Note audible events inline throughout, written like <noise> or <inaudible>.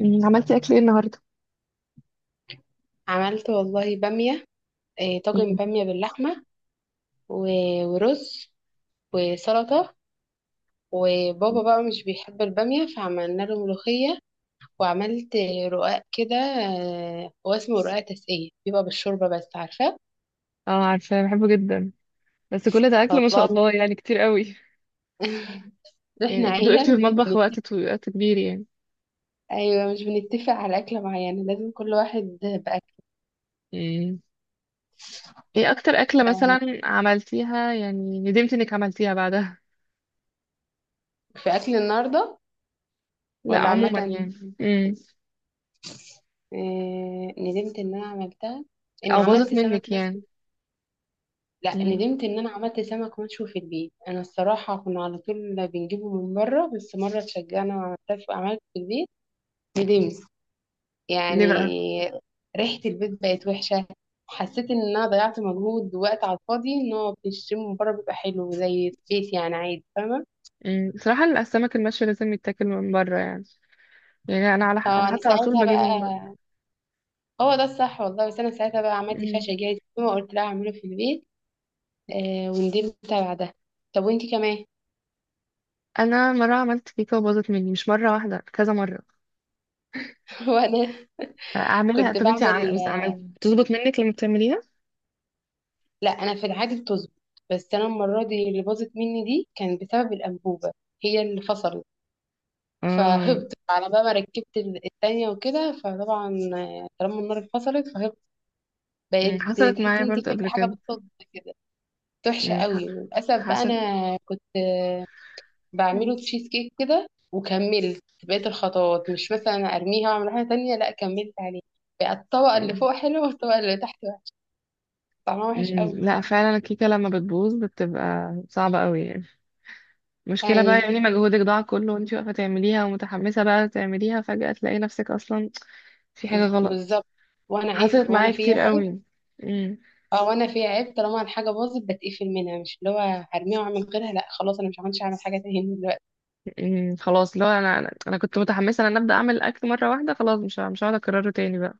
عملتي اكل ايه النهارده؟ عملت والله بامية. طاجن مم. بامية باللحمة ورز وسلطة. وبابا بقى مش بيحب البامية فعملنا له ملوخية. وعملت رقاق كده. هو اسمه رقاق تسقية، بيبقى بالشوربة بس عارفة. اه، عارفة بحبه جدا. بس كل ده أكل ما شاء الله. الله، يعني كتير قوي. <laughs> يعني احنا أكيد وقفتي في عيلة مش المطبخ بنت- وقت طويل، وقت كبير يعني. أيوة، مش بنتفق على أكلة معينة، لازم كل واحد بأكل. مم. ايه أكتر أكلة مثلا عملتيها يعني ندمت إنك عملتيها بعدها؟ في أكل النهاردة؟ لا، ولا عموما عامة. يعني. مم. ندمت إن أنا عملتها، إن أو باظت عملت سمك منك يعني؟ مرسي. لا، مم. ندمت ان انا عملت سمك مشوي في البيت. انا الصراحه كنا على طول بنجيبه من بره، بس مره اتشجعنا على الطبخ وعملت في البيت. ندمت ليه بقى؟ يعني. ريحه البيت بقت وحشه، حسيت ان انا ضيعت مجهود ووقت على الفاضي، ان هو بيشتري من بره بيبقى حلو زي البيت يعني، عادي، فاهمه. مم. بصراحة السمك المشوي لازم يتاكل من بره يعني. يعني أنا فانا حتى على طول ساعتها بجيبه من بره. بقى، هو ده الصح والله، بس انا ساعتها بقى عملت مم. فاشة جاهز وقلت لها اعمله في البيت. وندمت بعدها. طب وانتي كمان؟ أنا مرة عملت كيكة وباظت مني، مش مرة واحدة، كذا مرة. <laughs> وانا اعملها، كنت بعمل. بس عملت بتظبط منك لما بتعمليها؟ لا، انا في العادي بتظبط، بس انا المره دي اللي باظت مني دي كان بسبب الانبوبه، هي اللي فصلت. اه. فهبط على بقى، ما ركبت التانية وكده، فطبعا طالما النار اتفصلت فهبط. بقيت حصلت تحس معايا ان انت برضه بتاكلي قبل حاجه كده. بالصدفه كده. كانت وحشه أمم، ح- قوي للاسف بقى. حصل. انا كنت أمم، بعمله تشيز كيك كده وكملت بقيت الخطوات، مش مثلا ارميها واعمل حاجه تانية، لا كملت عليه. بقى الطبقه اللي أمم، فوق حلوه والطبقه اللي تحت وحشة. طعمها وحش قوي. لا، فعلا الكيكه لما بتبوظ بتبقى صعبه قوي يعني. المشكله بقى ايوه، يعني مجهودك ضاع كله وانت واقفه تعمليها ومتحمسه بقى تعمليها، فجاه تلاقي نفسك اصلا في حاجه غلط. بالظبط. وانا عيب، حصلت وانا معايا فيها كتير عيب. قوي. أمم، اه، وانا في عيب، طالما الحاجه باظت بتقفل منها، مش اللي هو هرميها واعمل غيرها، لا خلاص انا مش عملتش اعمل حاجه تاني دلوقتي. أمم، خلاص، لو انا أنا كنت متحمسه ان انا ابدا اعمل الاكل مره واحده، خلاص مش هقعد اكرره تاني بقى.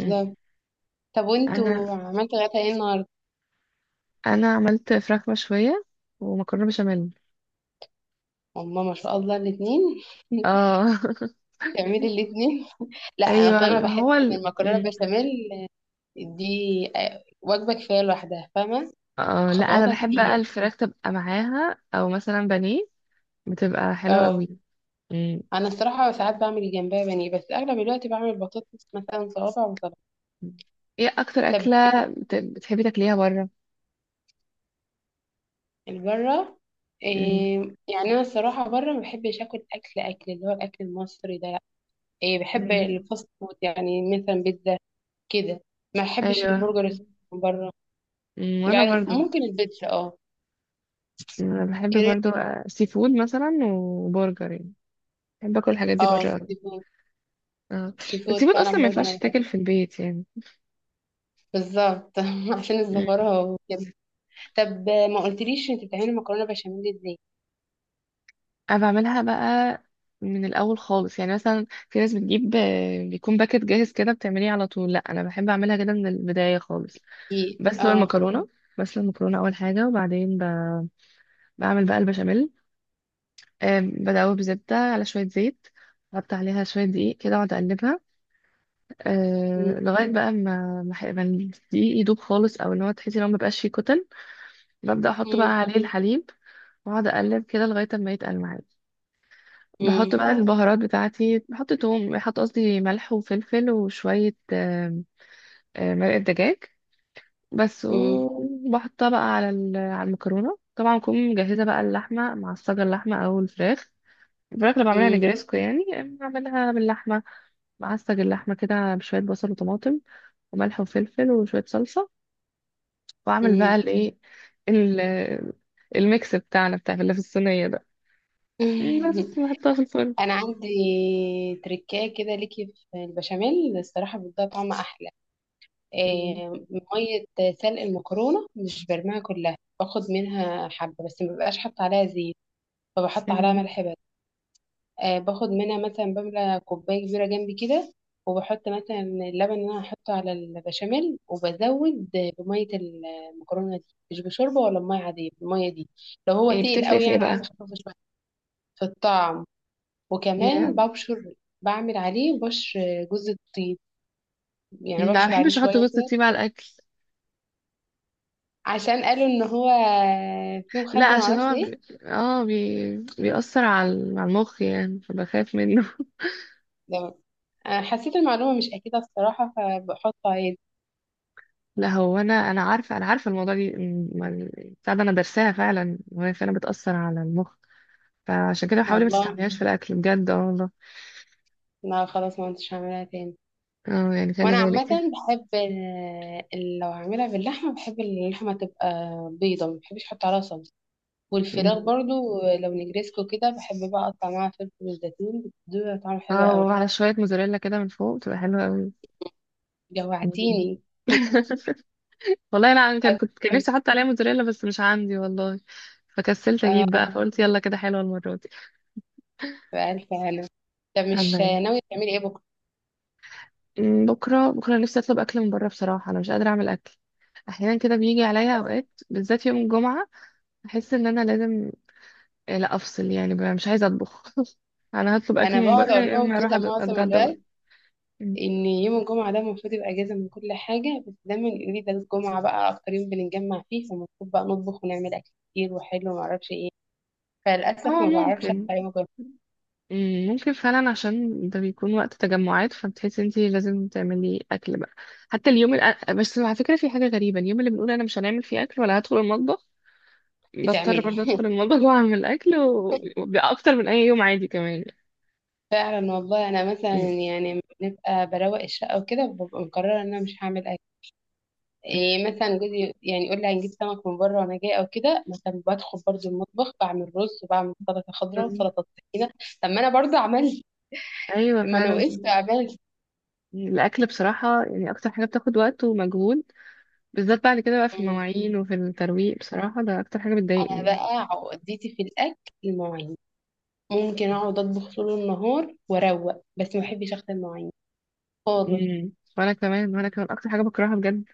أمم، طب انا وانتوا عملتوا غدا ايه النهارده؟ انا عملت فراخ مشويه ومكرونه بشاميل. هما ما شاء الله الاثنين. <laughs> اه. تعملي الاثنين. <laughs> لا، ايوه، اصل انا ما بحس هو ان المكرونه مم. بشاميل دي وجبه كفايه لوحدها، فاهمه. اه، لا، انا خطواتها بحب بقى كتير. الفراخ تبقى معاها، او مثلا بانيه، بتبقى حلوه اه. قوي. مم. انا الصراحه ساعات بعمل جنبها بانيه، بس اغلب الوقت بعمل بطاطس مثلا، صوابع وسلطه. ايه اكتر طب. اكله بتحبي تاكليها بره؟ البره؟ مم. إيه؟ يعني انا الصراحه بره ما بحبش اكل اللي هو الاكل المصري ده، لا. إيه، بحب مم. الفاست فود، يعني مثلا بيتزا كده. ما بحبش ايوه. البرجر من بره. مم. وانا يعني برضو، ممكن البيتزا اه. انا بحب كريب. برضو سي فود مثلا وبرجر يعني. بحب اكل الحاجات دي اه، بره قوي. سي فود. اه. سي فود السي فود اصلا فعلا ما برضه انا ينفعش بحب. تاكل في البيت يعني. بالظبط. <laughs> عشان مم. الزفاره وكده. طب ما قلتليش انت بتعملي مكرونه بشاميل ازاي؟ انا بعملها بقى من الاول خالص، يعني مثلا في ناس بتجيب بيكون باكت جاهز كده بتعمليه على طول. لا، انا بحب اعملها كده من البدايه خالص. إيه، بسلق اه. المكرونه بسلق المكرونه اول حاجه، وبعدين بعمل بقى البشاميل. بدوب بزبده على شويه زيت، بحط عليها شويه دقيق كده واقعد اقلبها. مم، أه، لغايه بقى ما الدقيق يدوب خالص، او ان هو تحسي ان هو مبقاش فيه كتل. ببدا احط بقى مم، عليه الحليب، واقعد اقلب كده لغايه ما يتقل معايا. بحط مم، بقى البهارات بتاعتي، بحط توم، بحط قصدي ملح وفلفل، وشوية آم، آم، مرقة دجاج بس. مم، وبحطها بقى على المكرونة. طبعا أكون مجهزة بقى اللحمة معصجة، اللحمة أو الفراخ. الفراخ اللي بعملها نجريسكو يعني بعملها باللحمة، بعصج اللحمة كده بشوية بصل وطماطم وملح وفلفل وشوية صلصة، وأعمل بقى مم، الإيه، ال- الميكس بتاعنا بتاع اللي في الصينية ده، مم. بس <laughs> بحطها في الفرن. انا عندي تركايه كده ليكي في البشاميل الصراحه بتديها طعم احلى. م- إيه، ميه سلق المكرونه مش برميها كلها، باخد منها حبه، بس ما ببقاش حاطه عليها زيت، فبحط عليها م. ملح بس. باخد منها مثلا، بملى كوبايه كبيره جنبي كده، وبحط مثلا اللبن اللي انا هحطه على البشاميل، وبزود بميه المكرونه دي. مش بشوربه ولا بميه عاديه الميه دي، لو هو إيه تقيل بتفرق قوي في إيه يعني، عايزه بقى؟ اخففه شويه. في الطعم. ياه. وكمان ببشر، بعمل عليه بشر جوز الطيب، يعني لا، ما ببشر عليه بحبش احط شوية جوز كده. الطيب على الاكل. عشان قالوا ان هو فيه لا، مخدر عشان معرفش هو ايه اه، بيأثر على على المخ يعني، فبخاف منه. ده. انا حسيت المعلومة مش اكيدة الصراحة، فبحطه عادي. <laughs> لا، هو انا عارفه الموضوع دي بتاع ده. انا درساها فعلا، وهي فعلا بتأثر على المخ، فعشان كده بحاول ما والله، تستعملهاش في الاكل بجد. اه، والله. لا خلاص ما كنتش هعملها تاني. اه، يعني خلي وانا عامة بالك. بحب لو هعملها باللحمة بحب اللحمة تبقى بيضة، ما بحبش احط عليها صلصة. والفراخ م. برضو لو نجريسكو كده، بحب بقى اقطع معاها فلفل وزيتون، بتديها طعم حلو اه، قوي. وعلى شويه موزاريلا كده من فوق بتبقى حلوه قوي. م. جوعتيني. <laughs> والله انا كان نفسي <laughs> احط عليها موزاريلا بس مش عندي والله، فكسلت اجيب اه. بقى، فقلت يلا كده حلوه المره دي. بألف هلا. طب مش الله. ناوية تعملي ايه بكرة؟ بكرة، بكرة نفسي أطلب أكل من بره بصراحة، أنا مش قادرة أعمل أكل. أحيانا كده بيجي عليا أوقات، بالذات يوم الجمعة أحس إن أنا لازم لا، أفصل يعني بقى، مش عايزة أطبخ. <laughs> أنا هطلب أكل انا من بقعد بره، اقول يا لهم إما أروح كده معظم أتغدى بره. الوقت، أمم. ان يوم الجمعة ده المفروض يبقى اجازة من كل حاجة، بس دايما يقولوا لي ده الجمعة بقى اكتر يوم بنتجمع فيه، فالمفروض بقى نطبخ ونعمل اكل كتير وحلو ومعرفش ايه. فللأسف هو ما بعرفش ممكن. اطلع يوم الجمعة. ممكن فعلا، عشان ده بيكون وقت تجمعات، فبتحسي انتي لازم تعملي أكل بقى. بس على فكرة في حاجة غريبة، اليوم اللي بنقول أنا مش هنعمل فيه أكل ولا هدخل المطبخ، بضطر بتعملي. برضه أدخل <laughs> المطبخ <laughs> وأعمل أكل، وبيبقى أكتر من أي يوم عادي كمان. فعلا والله انا مثلا يعني بنبقى بروق الشقة وكده، ببقى مقررة ان انا مش هعمل اكل. إيه، أمم. مثلا جوزي يعني يقول لي هنجيب سمك من بره وانا جاي او كده، مثلا بدخل برضو المطبخ، بعمل رز وبعمل سلطه خضراء بز- وسلطه طحينه. طب ما انا برضو عملت، ايوه، ما انا فعلا. وقفت عملت. الاكل بصراحه يعني اكتر حاجه بتاخد وقت ومجهود، بالذات بعد كده بقى في مم. المواعين وفي الترويق، بصراحه ده اكتر حاجه انا بتضايقني. بقى عقدتي في الاكل المواعين، ممكن اقعد اطبخ طول النهار واروق، بس ما بحبش اغسل المواعين خالص. امم. وانا كمان، وانا كمان اكتر حاجه بكرهها بجد.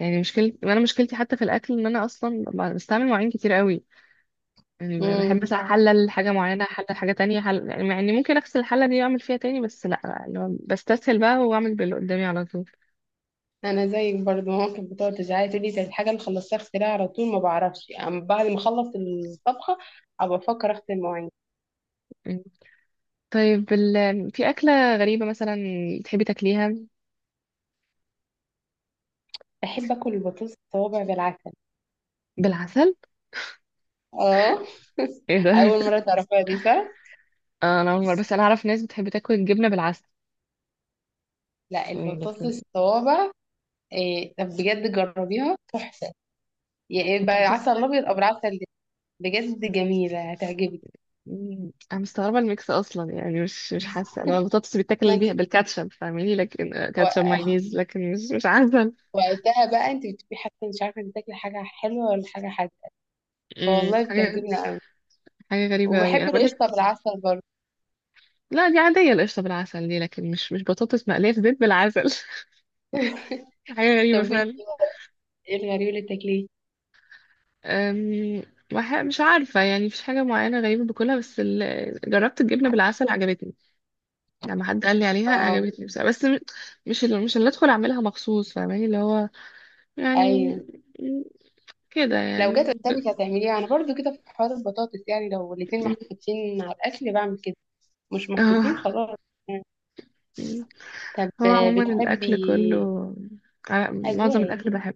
يعني وانا مشكلتي حتى في الاكل، ان انا اصلا بستعمل مواعين كتير قوي. يعني بحب امم. مثلا احلل حاجه معينه، احلل حاجه تانية، يعني مع اني ممكن اغسل الحله دي واعمل فيها تاني، بس لا، اللي هو بستسهل بقى واعمل باللي قدامي على طول. انا زيك برضو، ممكن بتقعد تزعلي تقولي ده الحاجه اللي خلصتها اغسلها على طول، ما بعرفش يعني، بعد ما اخلص الطبخه ابقى افكر اغسل المواعين. مم. طيب، في اكله غريبه مثلا تحبي تاكليها؟ بحب اكل البطاطس الصوابع بالعسل. بالعسل؟ اه. ايه <laughs> ده؟ اول <laughs> مره تعرفيها دي صح؟ انا اول مره، بس انا اعرف ناس بتحب تاكل الجبنه بالعسل، لا، يعني، البطاطس لكن الصوابع. إيه طب بجد جربيها تحفه، يعني بطاطس؟ بعسل ابيض او بالعسل ده. بجد جميله هتعجبك. انا مستغربه الميكس اصلا، يعني مش حاسه، لو البطاطس ما بيتاكل انت بيها بالكاتشب فاهماني، لكن كاتشب، و- مايونيز، لكن مش عسل. وقتها بقى انت بتبقي حاسه، مش عارفه انت تاكلي حاجه حلوه ولا حاجه حادقه. مم، فوالله حاجه بتعجبني قوي. حاجه غريبه قوي انا وبحب بقول لك. القشطه بالعسل برضه. لا، دي عاديه، القشطه بالعسل دي، لكن مش بطاطس مقليه في زيت بالعسل. <laughs> <laughs> حاجه غريبه طب وانت، فعلا. ايه الغريب اللي بتاكليه؟ أم، مش عارفه، يعني مفيش حاجه معينه غريبه باكلها، بس جربت الجبنه بالعسل عجبتني، لما حد قال لي عليها اه. عجبتني بس مش اللي ادخل اعملها مخصوص، فاهماني، اللي هو يعني، ايوه. م- كده لو يعني جت قدامك هتعمليها، انا برضو كده في حوار البطاطس يعني، لو الاتنين م- محطوطين على الاكل بعمل كده. مش محطوطين اه خلاص يعني. م- طب هو عموما الاكل بتحبي. كله معظم أذواق. الاكل بحب.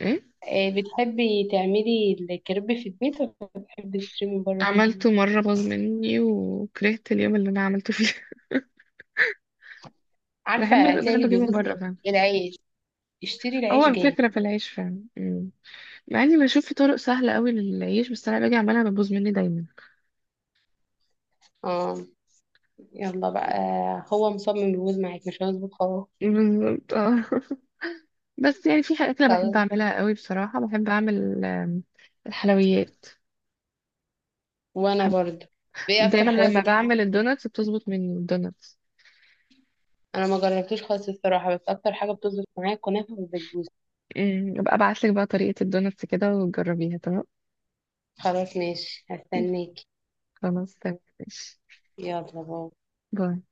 ايه؟ بتحبي تعملي الكريب في البيت ولا بتحبي تشتري من بره؟ عملته مره، باظ مني وكرهت اليوم اللي انا عملته فيه. <laughs> عارفة بحب هتلاقي بحب اللي اجيبه من بيبوظ. بره، فاهم. ايه العيش، اشتري هو العيش جاهز. الفكره في العيش، فاهم. م. مع اني بشوف في طرق سهله قوي للعيش، بس انا باجي اعملها بتبوظ مني دايما. اه. يلا بقى، هو مصمم يبوظ معاك مش هيظبط خالص. بالظبط. اه. بس يعني في حاجات انا بحب خلاص. اعملها قوي بصراحه، بحب اعمل الحلويات. وانا بحب- برضه. ايه اكتر دايما حلويات لما بتحبي بعمل تعمليها؟ الدوناتس بتظبط، من الدوناتس. انا ما جربتوش خالص الصراحة، بس اكتر حاجة بتظبط معايا كنافة والبسبوسة. ابقى ابعت لك بقى طريقه الدوناتس كده وتجربيها. تمام. خلاص ماشي، <laughs> هستناكي. خلاص، تمام، ماشي. يلا باي. باي.